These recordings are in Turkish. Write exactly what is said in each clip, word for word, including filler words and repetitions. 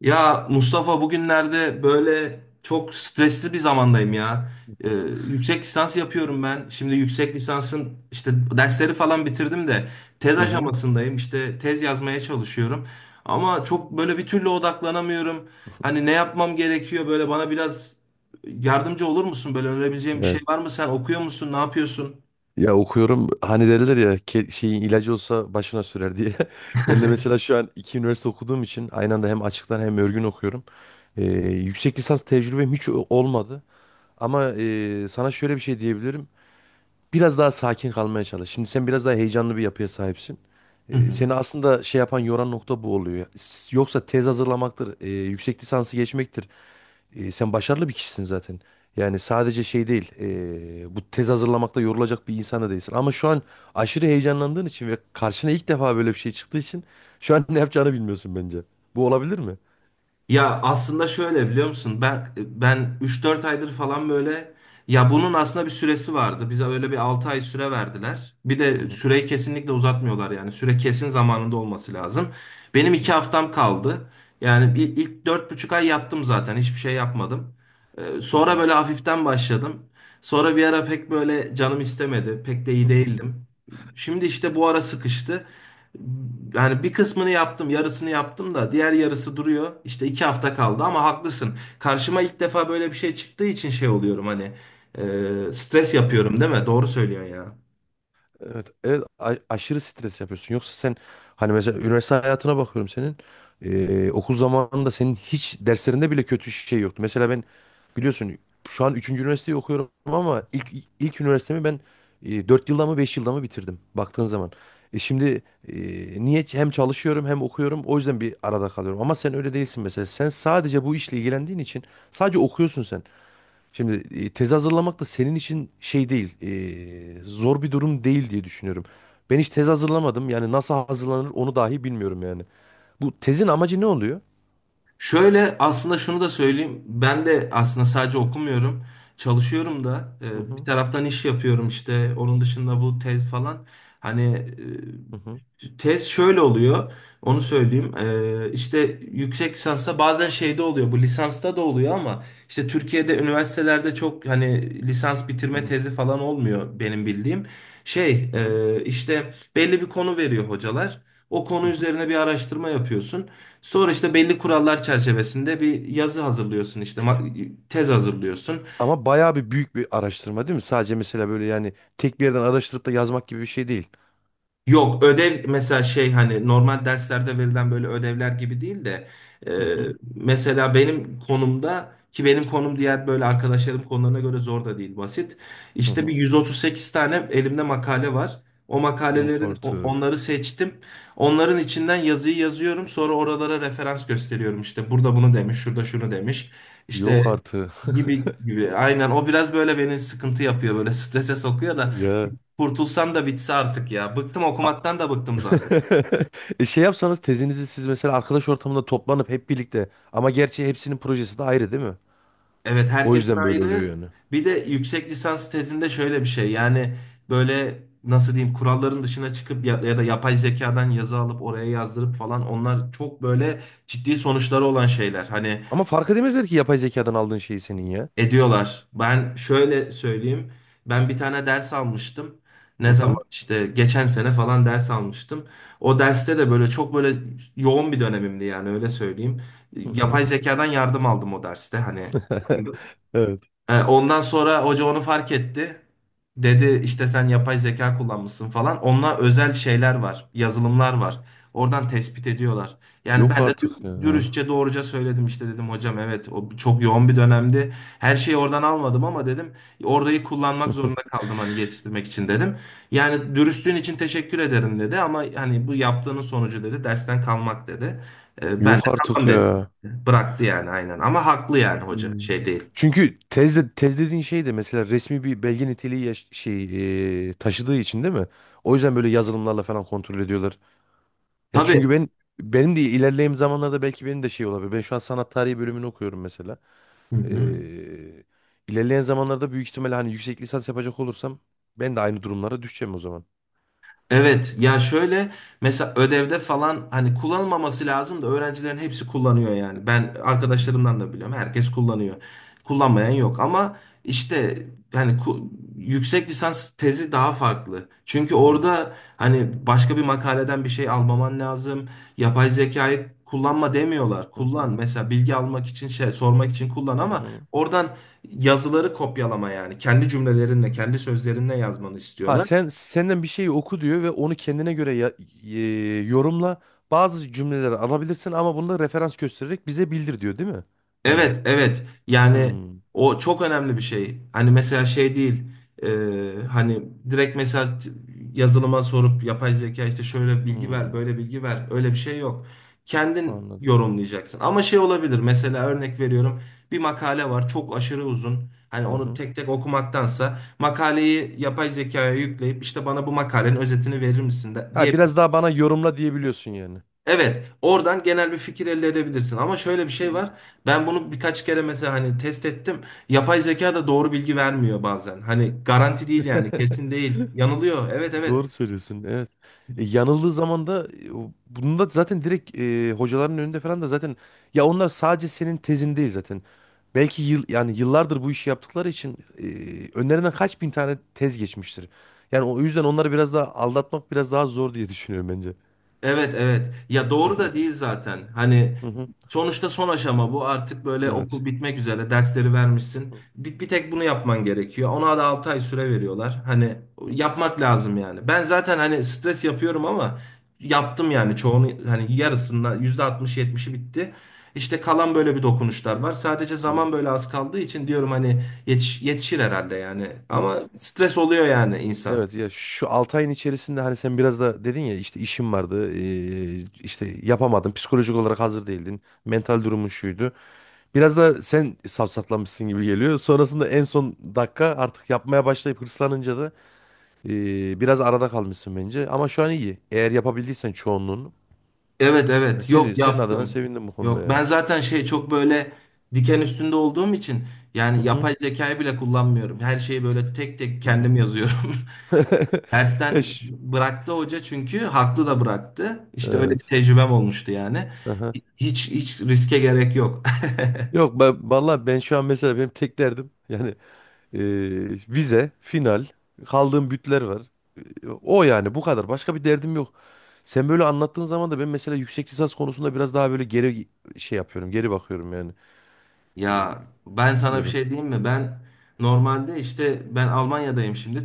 Ya Mustafa bugünlerde böyle çok stresli bir zamandayım ya. Ee, Yüksek lisans yapıyorum ben. Şimdi yüksek lisansın işte dersleri falan bitirdim de tez Hı hı. aşamasındayım. İşte tez yazmaya çalışıyorum. Ama çok böyle bir türlü odaklanamıyorum. Hani ne yapmam gerekiyor, böyle bana biraz yardımcı olur musun? Böyle önerebileceğin bir Ya, şey var mı? Sen okuyor musun? Ne yapıyorsun? ya okuyorum hani derler ya ke- şeyin ilacı olsa başına sürer diye. Ben de mesela şu an iki üniversite okuduğum için aynı anda hem açıktan hem örgün okuyorum. Ee, yüksek lisans tecrübem hiç o- olmadı. Ama e, sana şöyle bir şey diyebilirim. Biraz daha sakin kalmaya çalış. Şimdi sen biraz daha heyecanlı bir yapıya sahipsin. Ee, seni aslında şey yapan yoran nokta bu oluyor. S- Yoksa tez hazırlamaktır, e, yüksek lisansı geçmektir. E, sen başarılı bir kişisin zaten. Yani sadece şey değil, e, bu tez hazırlamakta yorulacak bir insan da değilsin. Ama şu an aşırı heyecanlandığın için ve karşına ilk defa böyle bir şey çıktığı için şu an ne yapacağını bilmiyorsun bence. Bu olabilir mi? Ya aslında şöyle, biliyor musun? Ben ben üç dört aydır falan böyle, ya bunun aslında bir süresi vardı. Bize öyle bir altı ay süre verdiler. Bir Hı de hı. süreyi kesinlikle uzatmıyorlar yani. Süre kesin zamanında olması lazım. Benim iki Hı haftam kaldı. Yani bir- ilk dört buçuk ay yattım zaten. Hiçbir şey yapmadım. Ee, Sonra hı. böyle hafiften başladım. Sonra bir ara pek böyle canım istemedi. Pek de iyi değildim. Şimdi işte bu ara sıkıştı. Yani bir kısmını yaptım, yarısını yaptım da diğer yarısı duruyor. İşte iki hafta kaldı ama haklısın. Karşıma ilk defa böyle bir şey çıktığı için şey oluyorum, hani e, stres Hı yapıyorum hı. değil mi? Doğru söylüyorsun ya. Evet, evet, a- aşırı stres yapıyorsun. Yoksa sen hani mesela üniversite hayatına bakıyorum senin. Ee, okul zamanında senin hiç derslerinde bile kötü şey yoktu. Mesela ben biliyorsun şu an üçüncü üniversiteyi okuyorum ama ilk ilk üniversitemi ben, e, dört yılda mı beş yılda mı bitirdim baktığın zaman. E şimdi, e, niye hem çalışıyorum hem okuyorum, o yüzden bir arada kalıyorum. Ama sen öyle değilsin mesela. Sen sadece bu işle ilgilendiğin için sadece okuyorsun sen. Şimdi e, tezi hazırlamak da senin için şey değil, e, zor bir durum değil diye düşünüyorum. Ben hiç tez hazırlamadım. Yani nasıl hazırlanır onu dahi bilmiyorum yani. Bu tezin amacı ne oluyor? Şöyle, aslında şunu da söyleyeyim. Ben de aslında sadece okumuyorum. Çalışıyorum da. Hı E, bir hı. taraftan iş yapıyorum işte. Onun dışında bu tez falan. Hani Hı hı. e, tez şöyle oluyor. Onu söyleyeyim. Ee, işte yüksek lisansta bazen şeyde oluyor. Bu lisansta da oluyor ama işte Türkiye'de üniversitelerde çok hani lisans Hı bitirme hı. tezi falan olmuyor benim bildiğim. Şey hı hı. e, işte belli bir konu veriyor hocalar. O Hı konu hı. üzerine bir araştırma yapıyorsun. Sonra işte belli kurallar çerçevesinde bir yazı hazırlıyorsun, işte ma- tez hazırlıyorsun. Ama bayağı bir büyük bir araştırma değil mi? Sadece mesela böyle yani tek bir yerden araştırıp da yazmak gibi bir şey değil. Yok, ödev mesela şey, hani normal derslerde verilen böyle ödevler gibi değil de e, Hı hı. mesela benim konumda, ki benim konum diğer böyle arkadaşlarım konularına göre zor da değil, basit. Hı İşte bir hı. yüz otuz sekiz tane elimde makale var. O Yok makalelerin o- onları artık. seçtim. Onların içinden yazıyı yazıyorum. Sonra oralara referans gösteriyorum. İşte burada bunu demiş, şurada şunu demiş. Yok İşte artık. gibi gibi. Aynen, o biraz böyle beni sıkıntı yapıyor, böyle strese sokuyor da. Ya. Kurtulsam da bitse artık ya. Bıktım, okumaktan da bıktım zaten. E şey yapsanız tezinizi siz mesela arkadaş ortamında toplanıp hep birlikte, ama gerçi hepsinin projesi de ayrı değil mi? Evet, O herkesin yüzden böyle oluyor ayrı. yani. Bir de yüksek lisans tezinde şöyle bir şey. Yani böyle nasıl diyeyim, kuralların dışına çıkıp ya, ya da yapay zekadan yazı alıp oraya yazdırıp falan, onlar çok böyle ciddi sonuçları olan şeyler. Hani Ama fark edemezler ki yapay zekadan aldığın şeyi senin ya. ediyorlar. Ben şöyle söyleyeyim. Ben bir tane ders almıştım. Hı Ne hı. zaman, işte geçen sene falan ders almıştım. O derste de böyle çok böyle yoğun bir dönemimdi yani, öyle söyleyeyim. Hı Yapay hı. zekadan yardım aldım o derste, hani Evet. e, ondan sonra hoca onu fark etti. Dedi işte sen yapay zeka kullanmışsın falan. Onunla özel şeyler var, yazılımlar var. Oradan tespit ediyorlar. Yani Yok ben de artık ya. dü- Hı dürüstçe doğruca söyledim, işte dedim hocam evet, o çok yoğun bir dönemdi. Her şeyi oradan almadım ama, dedim, orayı kullanmak hı. zorunda kaldım, hani yetiştirmek için, dedim. Yani dürüstlüğün için teşekkür ederim dedi, ama hani bu yaptığının sonucu dedi dersten kalmak, dedi. E, Ben de Yok artık tamam dedim. ya. Bıraktı yani, aynen, ama haklı yani, hoca Hmm. şey değil. Çünkü tezde, tez dediğin şey de mesela resmi bir belge niteliği yaş- şey, e, taşıdığı için değil mi? O yüzden böyle yazılımlarla falan kontrol ediyorlar. Ya Tabii. çünkü ben benim de ilerleyen zamanlarda belki benim de şey olabilir. Ben şu an sanat tarihi bölümünü okuyorum mesela. Hı hı. Ee, ilerleyen zamanlarda büyük ihtimalle hani yüksek lisans yapacak olursam ben de aynı durumlara düşeceğim o zaman. Evet, ya şöyle, mesela ödevde falan hani kullanılmaması lazım da öğrencilerin hepsi kullanıyor yani. Ben Hmm. arkadaşlarımdan da biliyorum, herkes kullanıyor. Kullanmayan yok, ama işte hani ku- yüksek lisans tezi daha farklı. Çünkü Hmm. orada hani başka bir makaleden bir şey almaman lazım. Yapay zekayı kullanma demiyorlar. Hı Kullan, hı. mesela bilgi almak için, şey sormak için kullan, Hı ama hı. oradan yazıları kopyalama yani. Kendi cümlelerinle kendi sözlerinle yazmanı Ha istiyorlar. sen, senden bir şeyi oku diyor ve onu kendine göre ya- e, yorumla. Bazı cümleleri alabilirsin ama bunu da referans göstererek bize bildir diyor değil mi? Yani. Evet, evet. Yani Hmm. o çok önemli bir şey. Hani mesela şey değil. E, hani direkt mesela t- yazılıma sorup yapay zeka işte şöyle bilgi ver, Hmm. böyle bilgi ver. Öyle bir şey yok. Kendin Anladım. yorumlayacaksın. Ama şey olabilir. Mesela örnek veriyorum. Bir makale var. Çok aşırı uzun. Hani Hı onu hı. tek tek okumaktansa makaleyi yapay zekaya yükleyip, işte bana bu makalenin özetini verir misin de, Ha diye. biraz daha bana yorumla diyebiliyorsun yani. Evet, oradan genel bir fikir elde edebilirsin. Ama şöyle bir şey Hı var. Ben bunu birkaç kere mesela hani test ettim. Yapay zeka da doğru bilgi vermiyor bazen. Hani garanti değil hı. yani, kesin değil. Yanılıyor. Evet evet. Doğru söylüyorsun. Evet. E, yanıldığı zaman da, e, o- bunu da zaten direkt, e, hocaların önünde falan da zaten, ya onlar sadece senin tezin değil zaten. Belki yıl, yani yıllardır bu işi yaptıkları için, e, önlerinden kaç bin tane tez geçmiştir. Yani o yüzden onları biraz daha aldatmak biraz daha zor diye düşünüyorum bence. Evet evet. Ya doğru da değil zaten. Hani Hı hı. sonuçta son aşama bu. Artık böyle Evet. okul bitmek üzere, dersleri Hı vermişsin. hı. Bir, bir tek bunu yapman gerekiyor. Ona da altı ay süre veriyorlar. Hani yapmak lazım yani. Ben zaten hani stres yapıyorum ama yaptım yani Hı çoğunu, hani yarısından yüzde altmış yetmişi bitti. İşte kalan böyle bir dokunuşlar var. Sadece hı. zaman böyle az kaldığı için diyorum hani yetiş- yetişir herhalde yani. Hı hı. Ama stres oluyor yani insan. Evet ya, şu altı ayın içerisinde hani sen biraz da dedin ya, işte işim vardı, e, işte yapamadın, psikolojik olarak hazır değildin, mental durumun şuydu. Biraz da sen safsatlamışsın gibi geliyor. Sonrasında en son dakika artık yapmaya başlayıp hırslanınca da, e, biraz arada kalmışsın bence. Ama şu an iyi. Eğer yapabildiysen çoğunluğunu. Evet Yani evet, yok seni, senin adına yaptım. sevindim bu konuda Yok, ya. ben zaten şey çok böyle diken üstünde olduğum için Hı yani hı. yapay zekayı bile kullanmıyorum. Her şeyi böyle tek tek Hı hı. kendim yazıyorum. Dersten Eş. bıraktı hoca, çünkü haklı da bıraktı. İşte öyle bir Evet. tecrübem olmuştu yani. Aha. Hiç, hiç riske gerek yok. Yok ben vallahi, ben şu an mesela benim tek derdim yani, e, vize, final, kaldığım bütler var. E, O yani bu kadar. Başka bir derdim yok. Sen böyle anlattığın zaman da ben mesela yüksek lisans konusunda biraz daha böyle geri şey yapıyorum, geri bakıyorum yani. Ee, Ya ben sana bir Bilmiyorum. şey diyeyim mi? Ben normalde işte, ben Almanya'dayım şimdi.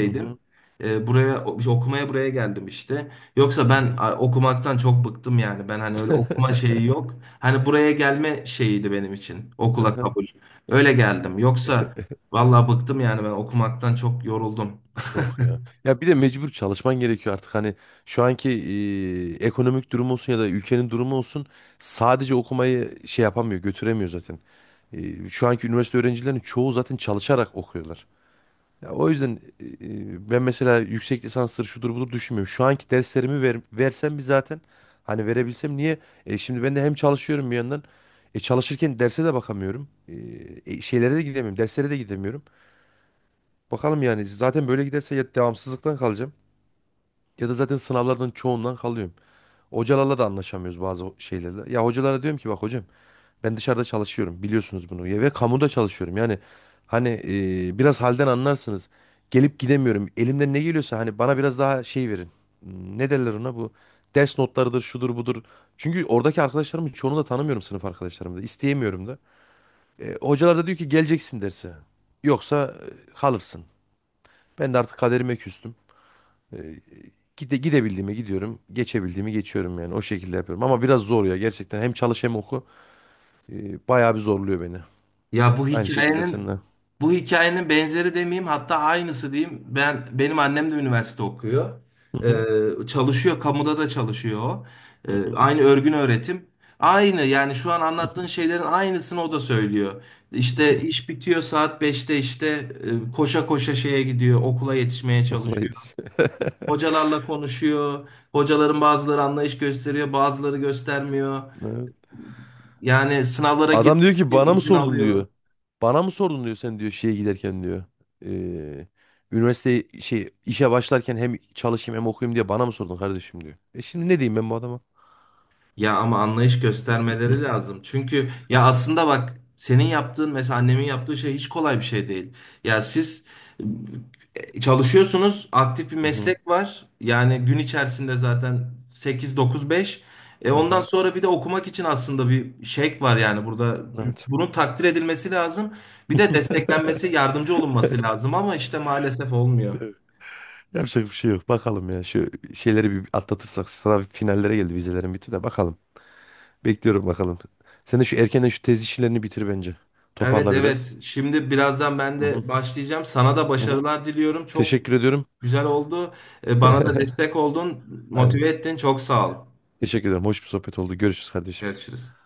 Hı hı. Ee, buraya o- okumaya buraya geldim işte. Yoksa Hı ben hı. a, okumaktan çok bıktım yani. Ben hani öyle okuma şeyi yok. Hani buraya gelme şeyiydi benim için. Hı Okula hı. kabul. Öyle geldim. Yoksa vallahi bıktım yani, ben okumaktan çok yoruldum. Yok ya. Ya bir de mecbur çalışman gerekiyor artık. Hani şu anki, e, ekonomik durum olsun ya da ülkenin durumu olsun, sadece okumayı şey yapamıyor, götüremiyor zaten. E, şu anki üniversite öğrencilerinin çoğu zaten çalışarak okuyorlar. Ya o yüzden e, e, ben mesela yüksek lisansları şudur budur düşünmüyorum. Şu anki derslerimi ver, versem bir zaten, hani verebilsem niye? E, şimdi ben de hem çalışıyorum bir yandan. E, çalışırken derse de bakamıyorum. E, e, şeylere de gidemiyorum. Derslere de gidemiyorum. Bakalım yani, zaten böyle giderse ya devamsızlıktan kalacağım ya da zaten sınavlardan çoğundan kalıyorum. Hocalarla da anlaşamıyoruz bazı şeylerle. Ya hocalara diyorum ki bak hocam, ben dışarıda çalışıyorum biliyorsunuz bunu, ya ve kamuda çalışıyorum yani, hani e, biraz halden anlarsınız, gelip gidemiyorum, elimden ne geliyorsa hani bana biraz daha şey verin. Hmm, ne derler ona, bu ders notlarıdır şudur budur, çünkü oradaki arkadaşlarımın çoğunu da tanımıyorum, sınıf arkadaşlarımı da isteyemiyorum da. E, hocalar da diyor ki geleceksin derse, yoksa e, kalırsın. Ben de artık kaderime küstüm, e, gide, gidebildiğime gidiyorum, geçebildiğimi geçiyorum yani o şekilde yapıyorum ama biraz zor ya, gerçekten hem çalış hem oku, e, bayağı bir zorluyor beni. Ya bu Aynı şekilde hikayenin seninle. bu hikayenin benzeri demeyeyim, hatta aynısı diyeyim. Ben benim annem de üniversite okuyor. Hı hı. Ee, çalışıyor, kamuda da çalışıyor, o. Ee, hı hı. Aynı örgün öğretim. Aynı yani, şu an anlattığın Hı şeylerin aynısını o da söylüyor. hı. İşte iş bitiyor saat beşte, işte e, koşa koşa şeye gidiyor, okula yetişmeye Okula çalışıyor. gidiş. Hocalarla konuşuyor. Hocaların bazıları anlayış gösteriyor, bazıları göstermiyor. Evet. Yani sınavlara Adam girmek diyor ki için bana mı izin sordun alıyor. diyor. Bana mı sordun diyor, sen diyor şeye giderken diyor. Ee, Üniversite şey, işe başlarken hem çalışayım hem okuyayım diye bana mı sordun kardeşim diyor. E şimdi ne diyeyim ben bu adama? Ya ama anlayış göstermeleri lazım. Çünkü ya aslında bak, senin yaptığın, mesela annemin yaptığı şey hiç kolay bir şey değil. Ya siz e, çalışıyorsunuz, aktif bir Hı hı. meslek var. Yani gün içerisinde zaten sekiz dokuz beş. E Hı ondan hı. sonra bir de okumak için aslında bir şevk var yani burada. Evet. Bunun takdir edilmesi lazım. Bir de desteklenmesi, yardımcı olunması lazım ama işte maalesef olmuyor. Evet. Yapacak bir şey yok. Bakalım ya, şu şeyleri bir atlatırsak, sınav finallere geldi, vizelerin bitti de bakalım. Bekliyorum bakalım. Sen de şu erkenden şu tez işlerini bitir bence. Evet Toparla biraz. evet. Şimdi birazdan ben Hı hı. de başlayacağım. Sana da Hı hı. başarılar diliyorum. Çok Teşekkür ediyorum. güzel oldu. E, Bana da destek oldun, Aynen. motive ettin. Çok sağ ol. Teşekkür ederim. Hoş bir sohbet oldu. Görüşürüz kardeşim. Görüşürüz.